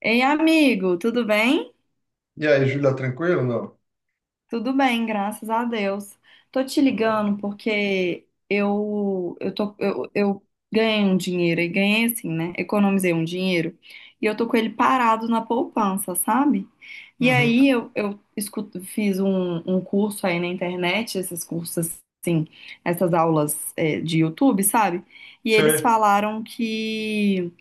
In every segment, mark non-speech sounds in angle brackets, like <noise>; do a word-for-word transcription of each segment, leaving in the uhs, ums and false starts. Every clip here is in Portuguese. Ei, amigo, tudo bem? E aí, Júlia, tranquilo? Não? Tudo bem, graças a Deus. Tô te Então tá bom. ligando porque eu eu tô eu, eu ganhei um dinheiro e ganhei assim, né? Economizei um dinheiro e eu tô com ele parado na poupança, sabe? E Uhum. aí eu, eu escuto- fiz um, um curso aí na internet, esses cursos assim, essas aulas é, de YouTube, sabe? E eles Sei. falaram que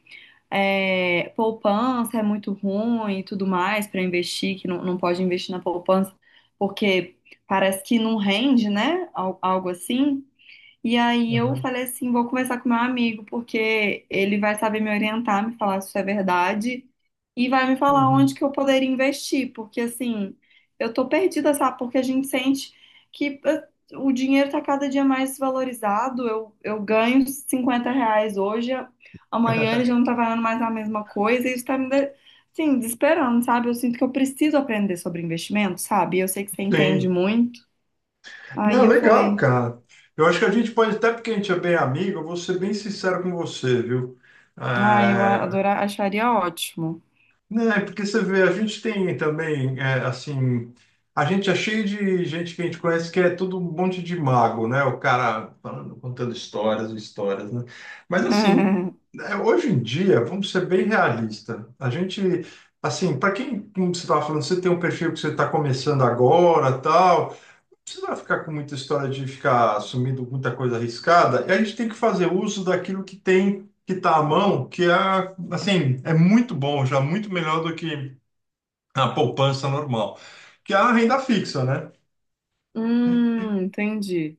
é, poupança é muito ruim e tudo mais para investir, que não, não pode investir na poupança, porque parece que não rende, né? Al- Algo assim. E aí eu Uhum. falei assim, vou conversar com meu amigo, porque ele vai saber me orientar, me falar se isso é verdade e vai me falar onde Uhum. que eu poderia investir, porque assim, eu tô perdida, sabe? Porque a gente sente que eh, o dinheiro tá cada dia mais desvalorizado. Eu, eu ganho cinquenta reais hoje, a- amanhã ele já não tá valendo mais a mesma coisa, e isso tá me, de- assim, desesperando, sabe? Eu sinto que eu preciso aprender sobre investimento, sabe? Eu sei que você entende Sim. muito. Aí Não, eu legal, falei, cara. Eu acho que a gente pode, até porque a gente é bem amigo, eu vou ser bem sincero com você, viu? ah, eu a- É, adorar, acharia ótimo. Não, é porque você vê, a gente tem também, é, assim, a gente é cheio de gente que a gente conhece que é todo um monte de mago, né? O cara falando, contando histórias, e histórias, né? Mas, assim, <laughs> é, hoje em dia, vamos ser bem realista. A gente, assim, para quem, como você estava falando, você tem um perfil que você está começando agora, tal, precisa ficar com muita história de ficar assumindo muita coisa arriscada, e a gente tem que fazer uso daquilo que tem, que está à mão, que é, assim, é muito bom, já muito melhor do que a poupança normal, que é a renda fixa, né? Hum, entendi.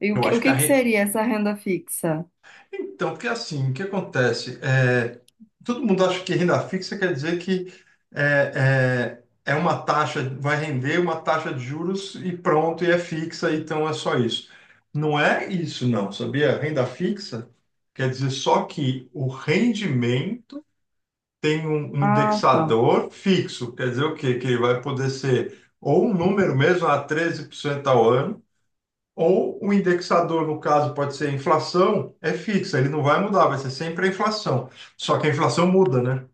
E o Eu que, o acho que que a, que re- seria essa renda fixa? então, porque assim, o que acontece? É, todo mundo acha que renda fixa quer dizer que é, é, é uma taxa, vai render uma taxa de juros e pronto, e é fixa, então é só isso. Não é isso, não, sabia? Renda fixa quer dizer só que o rendimento tem um, um Ah, tá. indexador fixo, quer dizer o quê? Que ele vai poder ser ou um número mesmo a treze por cento ao ano, ou o indexador, no caso, pode ser a inflação, é fixa, ele não vai mudar, vai ser sempre a inflação. Só que a inflação muda, né?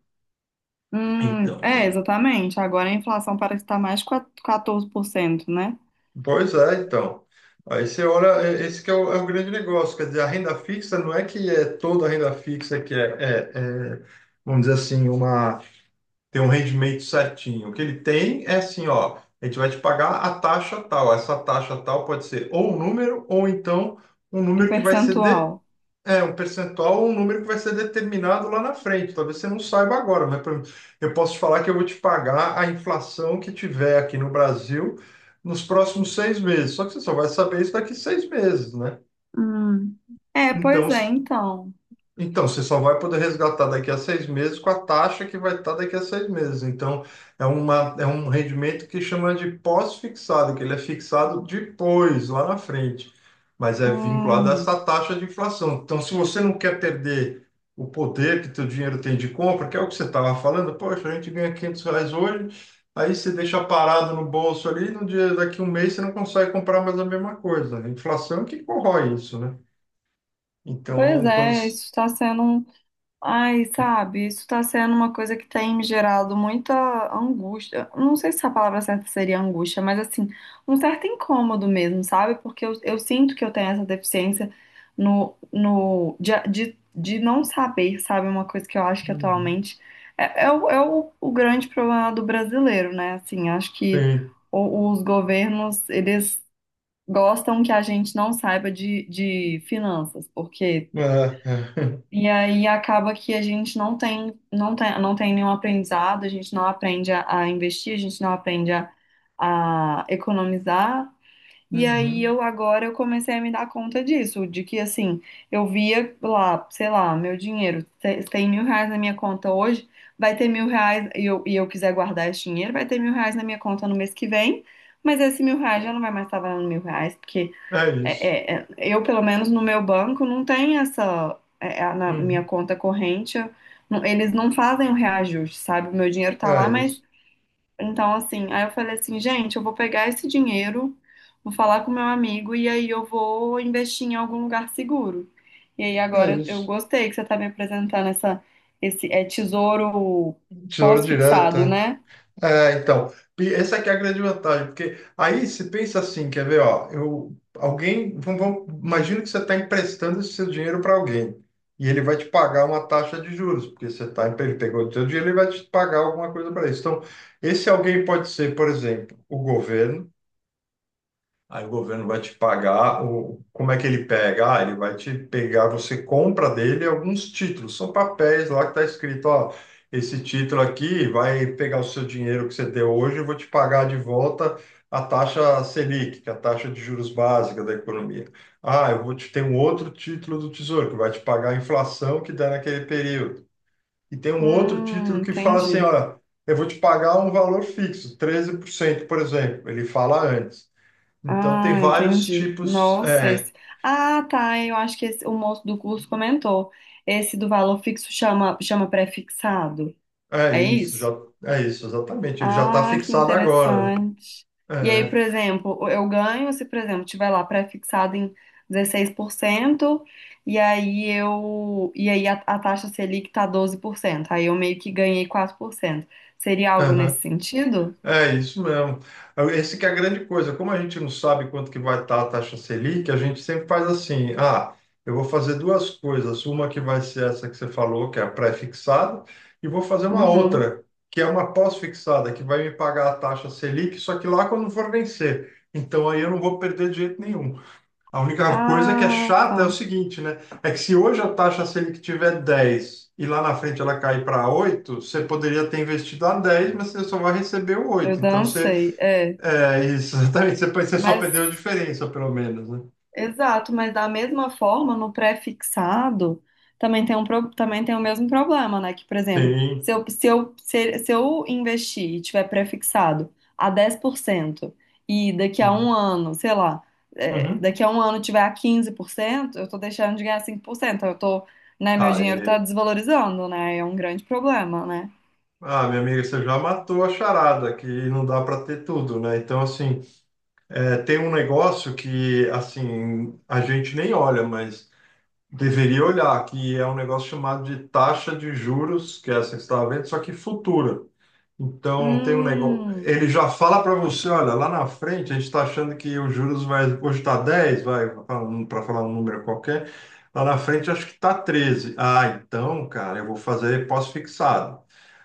Hum, Então, é, é- exatamente. Agora a inflação parece estar mais de quatorze por cento, né? pois é, então. Aí você olha, é- esse que é o, é o grande negócio, quer dizer, a renda fixa não é que é toda a renda fixa que é, é- é, vamos dizer assim, uma, tem um rendimento certinho. O que ele tem é assim, ó, a gente vai te pagar a taxa tal. Essa taxa tal pode ser ou um número, ou então um Um número que vai ser. percentual. É, um percentual, um número que vai ser determinado lá na frente. Talvez você não saiba agora, mas por exemplo, eu posso te falar que eu vou te pagar a inflação que tiver aqui no Brasil nos próximos seis meses. Só que você só vai saber isso daqui seis meses, né? Hum. É, Então, pois é, então. então, você só vai poder resgatar daqui a seis meses com a taxa que vai estar daqui a seis meses. Então, é uma, é um rendimento que chama de pós-fixado, que ele é fixado depois, lá na frente, mas é vinculado a Hum, essa taxa de inflação. Então, se você não quer perder o poder que teu dinheiro tem de compra, que é o que você estava falando, poxa, a gente ganha quinhentos reais hoje, aí você deixa parado no bolso ali, no dia daqui a um mês você não consegue comprar mais a mesma coisa. A inflação é que corrói isso, né? pois Então, quando... é, isso está sendo um. Ai, sabe, isso tá sendo uma coisa que tem me gerado muita angústia. Não sei se a palavra certa seria angústia, mas assim, um certo incômodo mesmo, sabe? Porque eu, eu sinto que eu tenho essa deficiência no, no, de, de, de não saber, sabe? Uma coisa que eu acho que atualmente é, é, o, é o, o grande problema do brasileiro, né? Assim, acho que Sim. o- os governos, eles gostam que a gente não saiba de, de finanças, porque. Ah é. E aí acaba que a gente não tem, não tem, não tem nenhum aprendizado, a gente não aprende a, a investir, a gente não aprende a, a economizar. E aí Uhum. eu agora eu comecei a me dar conta disso, de que assim, eu via lá, sei lá, meu dinheiro, se- tem mil reais na minha conta hoje, vai ter mil reais, e eu, e eu quiser guardar esse dinheiro, vai ter mil reais na minha conta no mês que vem, mas esse mil reais já não vai mais estar valendo mil reais, porque É isso. é, é, é, eu, pelo menos no meu banco, não tem essa. É, é, na minha Uhum. conta corrente, eu- não- eles não fazem o reajuste, sabe? O meu dinheiro tá É lá, mas. isso. Então, assim, aí eu falei assim, gente, eu vou pegar esse dinheiro, vou falar com meu amigo e aí eu vou investir em algum lugar seguro. E aí É agora eu isso. gostei que você tá me apresentando essa, esse é, tesouro Tesouro direto. pós-fixado, É, né? É, então. E essa aqui é a grande vantagem, porque aí se pensa assim, quer ver, ó, eu, alguém, vamos, vamos- imagina que você está emprestando esse seu dinheiro para alguém, e ele vai te pagar uma taxa de juros, porque você tá, ele pegou o seu dinheiro, ele vai te pagar alguma coisa para isso. Então, esse alguém pode ser, por exemplo, o governo. Aí o governo vai te pagar, o, como é que ele pega? Ah, ele vai te pegar, você compra dele alguns títulos, são papéis lá que está escrito, ó, esse título aqui vai pegar o seu dinheiro que você deu hoje, eu vou te pagar de volta a taxa Selic, que é a taxa de juros básica da economia. Ah, eu vou te ter um outro título do Tesouro que vai te pagar a inflação que dá naquele período. E tem um outro Hum, título que fala assim, entendi. olha, eu vou te pagar um valor fixo, treze por cento, por exemplo. Ele fala antes. Então tem Ah, vários entendi. tipos. Nossa, É, esse. Ah, tá. Eu acho que esse- o moço do curso comentou. Esse do valor fixo chama, chama pré-fixado. é É isso, já isso? é isso, exatamente. Ele já está Ah, que fixado agora, né? interessante. E aí, É, por exemplo, eu ganho se, por exemplo, tiver lá pré-fixado em dezesseis por cento e aí eu e aí a, a taxa Selic tá doze por cento. Aí eu meio que ganhei quatro por cento. Seria algo aham, nesse sentido? é isso mesmo. Esse que é a grande coisa. Como a gente não sabe quanto que vai estar a taxa Selic, a gente sempre faz assim: ah, eu vou fazer duas coisas. Uma que vai ser essa que você falou, que é a pré-fixada, e vou fazer uma Uhum. outra, que é uma pós-fixada, que vai me pagar a taxa Selic, só que lá quando for vencer. Então aí eu não vou perder de jeito nenhum. A única coisa que é Ah, chata é o tá. seguinte, né? É que se hoje a taxa Selic tiver dez e lá na frente ela cair para oito, você poderia ter investido a dez, mas você só vai receber o Eu oito. Então você, dancei. É. é <laughs> isso, exatamente, você, você só Mas, perdeu a diferença, pelo menos, né? exato, mas da mesma forma, no pré-fixado, também tem um, pro- também tem o mesmo problema, né? Que, por exemplo, Sim. se eu, se eu, se, se eu investir e tiver pré-fixado a dez por cento e daqui a um Uhum. ano, sei lá, é, Uhum. daqui a um ano tiver a quinze por cento. Eu tô deixando de ganhar cinco por cento, eu tô, né, meu dinheiro tá Aí. desvalorizando, né? É um grande problema, né? Ah, minha amiga, você já matou a charada, que não dá para ter tudo, né? Então, assim, é, tem um negócio que, assim, a gente nem olha, mas deveria olhar, que é um negócio chamado de taxa de juros, que é essa que você estava vendo, só que futura. Então, tem um negócio. Hum, Ele já fala para você: olha, lá na frente a gente está achando que os juros vai. Hoje está dez vai, para falar um número qualquer. Lá na frente acho que está treze. Ah, então, cara, eu vou fazer pós-fixado.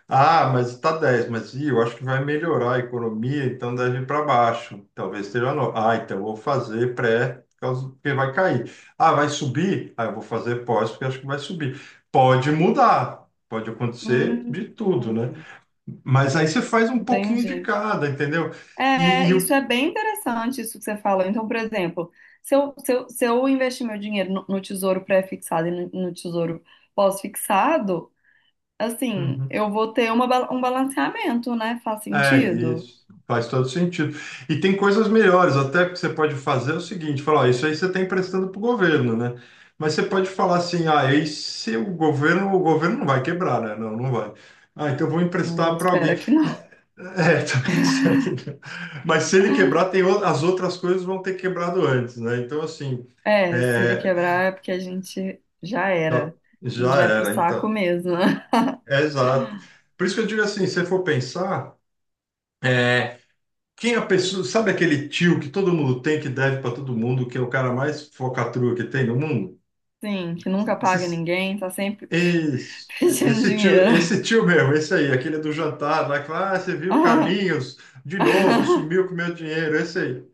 Ah, mas está dez mas ih, eu acho que vai melhorar a economia, então deve ir para baixo. Talvez esteja no... Ah, então eu vou fazer pré, por causa- porque vai cair. Ah, vai subir? Ah, eu vou fazer pós, porque acho que vai subir. Pode mudar, pode acontecer hum, de tudo, né? Mas aí você faz um pouquinho de entendi. cada, entendeu? E, É, e isso o- é bem interessante, isso que você fala. Então, por exemplo, se eu, se eu, se eu investir meu dinheiro no, no tesouro pré-fixado e no, no tesouro pós-fixado, assim, Uhum. eu vou ter uma ba- um balanceamento, né? Faz É sentido? isso, faz todo sentido. E tem coisas melhores, até que você pode fazer é o seguinte, falar, ó, isso aí você está emprestando para o governo, né? Mas você pode falar assim, ah, e se o governo, o governo não vai quebrar, né? Não, não vai. Ah, então eu vou A emprestar gente para alguém. espera que não. <laughs> É, <laughs> também, será que não? Mas se ele quebrar, tem o- as outras coisas vão ter quebrado antes, né? Então, assim, É, se ele é, quebrar é porque a gente já já, era. A já gente vai pro era, saco então. mesmo, né? É, exato. <laughs> Por isso que eu digo assim, se você for pensar, é, quem é a pessoa, sabe aquele tio que todo mundo tem, que deve para todo mundo, que é o cara mais focatrua que tem no mundo? Sim, que nunca paga Esses- ninguém, tá sempre Esse, <laughs> pedindo esse tio, dinheiro. esse tio mesmo, esse aí, aquele do jantar, lá que fala, ah, você viu o Carlinhos de novo, <laughs> sumiu com meu dinheiro, esse aí.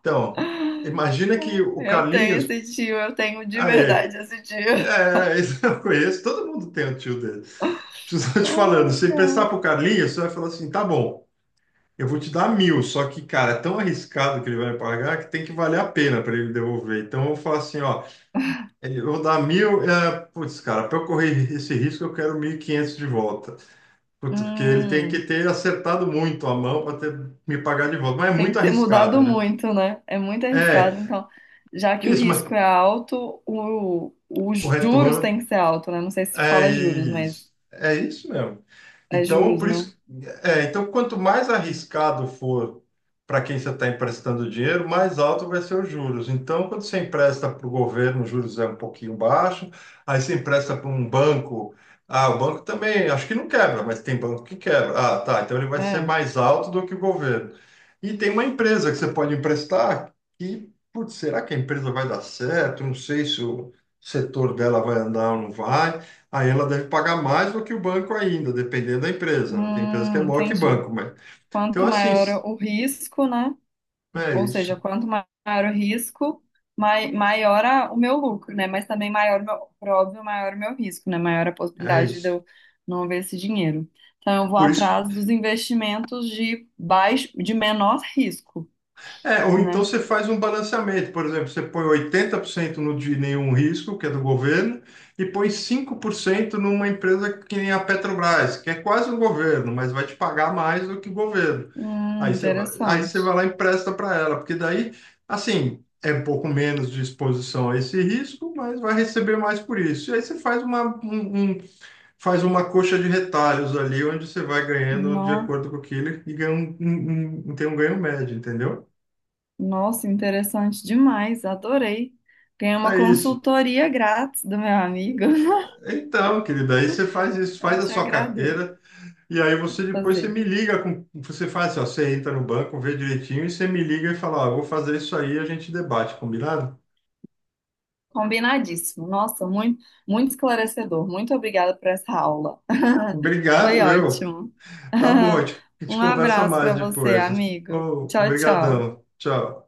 Então, imagina que o Eu tenho Carlinhos, esse tio, eu tenho de aí, verdade esse tio. é, esse eu conheço, todo mundo tem um tio dele. Preciso te falando, se pensar Olha. pro Carlinhos, você vai falar assim, tá bom. Eu vou te dar mil, só que, cara, é tão arriscado que ele vai me pagar que tem que valer a pena para ele me devolver. Então eu falo assim, ó, é, eu vou dar mil, é, putz, cara, para eu correr esse risco eu quero mil e quinhentos de volta. Putz, porque ele tem que Hum, ter acertado muito a mão para me pagar de volta. Mas é tem muito que ter arriscado, mudado né? muito, né? É muito arriscado. É, Então, já que o isso, mas risco é alto, o, o os juros tem retorno. que ser alto, né? Não sei se É fala juros, mas isso, é isso mesmo. é Então, juros, por né? isso, é, então quanto mais arriscado for para quem você está emprestando dinheiro, mais alto vai ser os juros. Então, quando você empresta para o governo, os juros é um pouquinho baixo, aí você empresta para um banco, ah, o banco também, acho que não quebra, mas tem banco que quebra. Ah, tá, então ele vai ser É. mais alto do que o governo. E tem uma empresa que você pode emprestar que, putz, será que a empresa vai dar certo? Não sei se o setor dela vai andar ou não vai. Aí ela deve pagar mais do que o banco ainda, dependendo da empresa, né? Tem empresa que é Hum, maior que entendi. banco, mas... Então, Quanto assim, maior o risco, né? é Ou isso, seja, quanto maior o risco, mai- maior a- o meu lucro, né? Mas também maior, o meu- por óbvio, maior o meu risco, né? Maior a é possibilidade de isso. eu não ver esse dinheiro. Então, eu vou Por isso que atrás dos investimentos de baixo, de menor risco, é, ou então né? você faz um balanceamento, por exemplo, você põe oitenta por cento no de nenhum risco, que é do governo, e põe cinco por cento numa empresa que nem a Petrobras, que é quase o governo, mas vai te pagar mais do que o governo. Hum, Aí você vai, aí você vai interessante. lá e empresta para ela, porque daí, assim, é um pouco menos de exposição a esse risco, mas vai receber mais por isso. E aí você faz uma, um, um- faz uma coxa de retalhos ali, onde você vai ganhando de No- acordo com aquilo e ganha um, um- um- tem um ganho médio, entendeu? Nossa, interessante demais. Adorei. Ganhei uma É isso. consultoria grátis do meu amigo. <laughs> Então, querida, aí você faz isso, Eu faz a te sua agradeço. carteira e aí você Vou depois você fazer. me liga com, você faz assim, ó, você entra no banco, vê direitinho e você me liga e fala, ó, vou fazer isso aí, a gente debate, combinado? Combinadíssimo. Nossa, muito, muito esclarecedor. Muito obrigada por essa aula. <laughs> Obrigado, Foi meu. ótimo. Tá bom, a <laughs> gente, a gente Um conversa abraço mais para você, depois. amigo. Oh, Tchau, tchau. obrigadão. Tchau.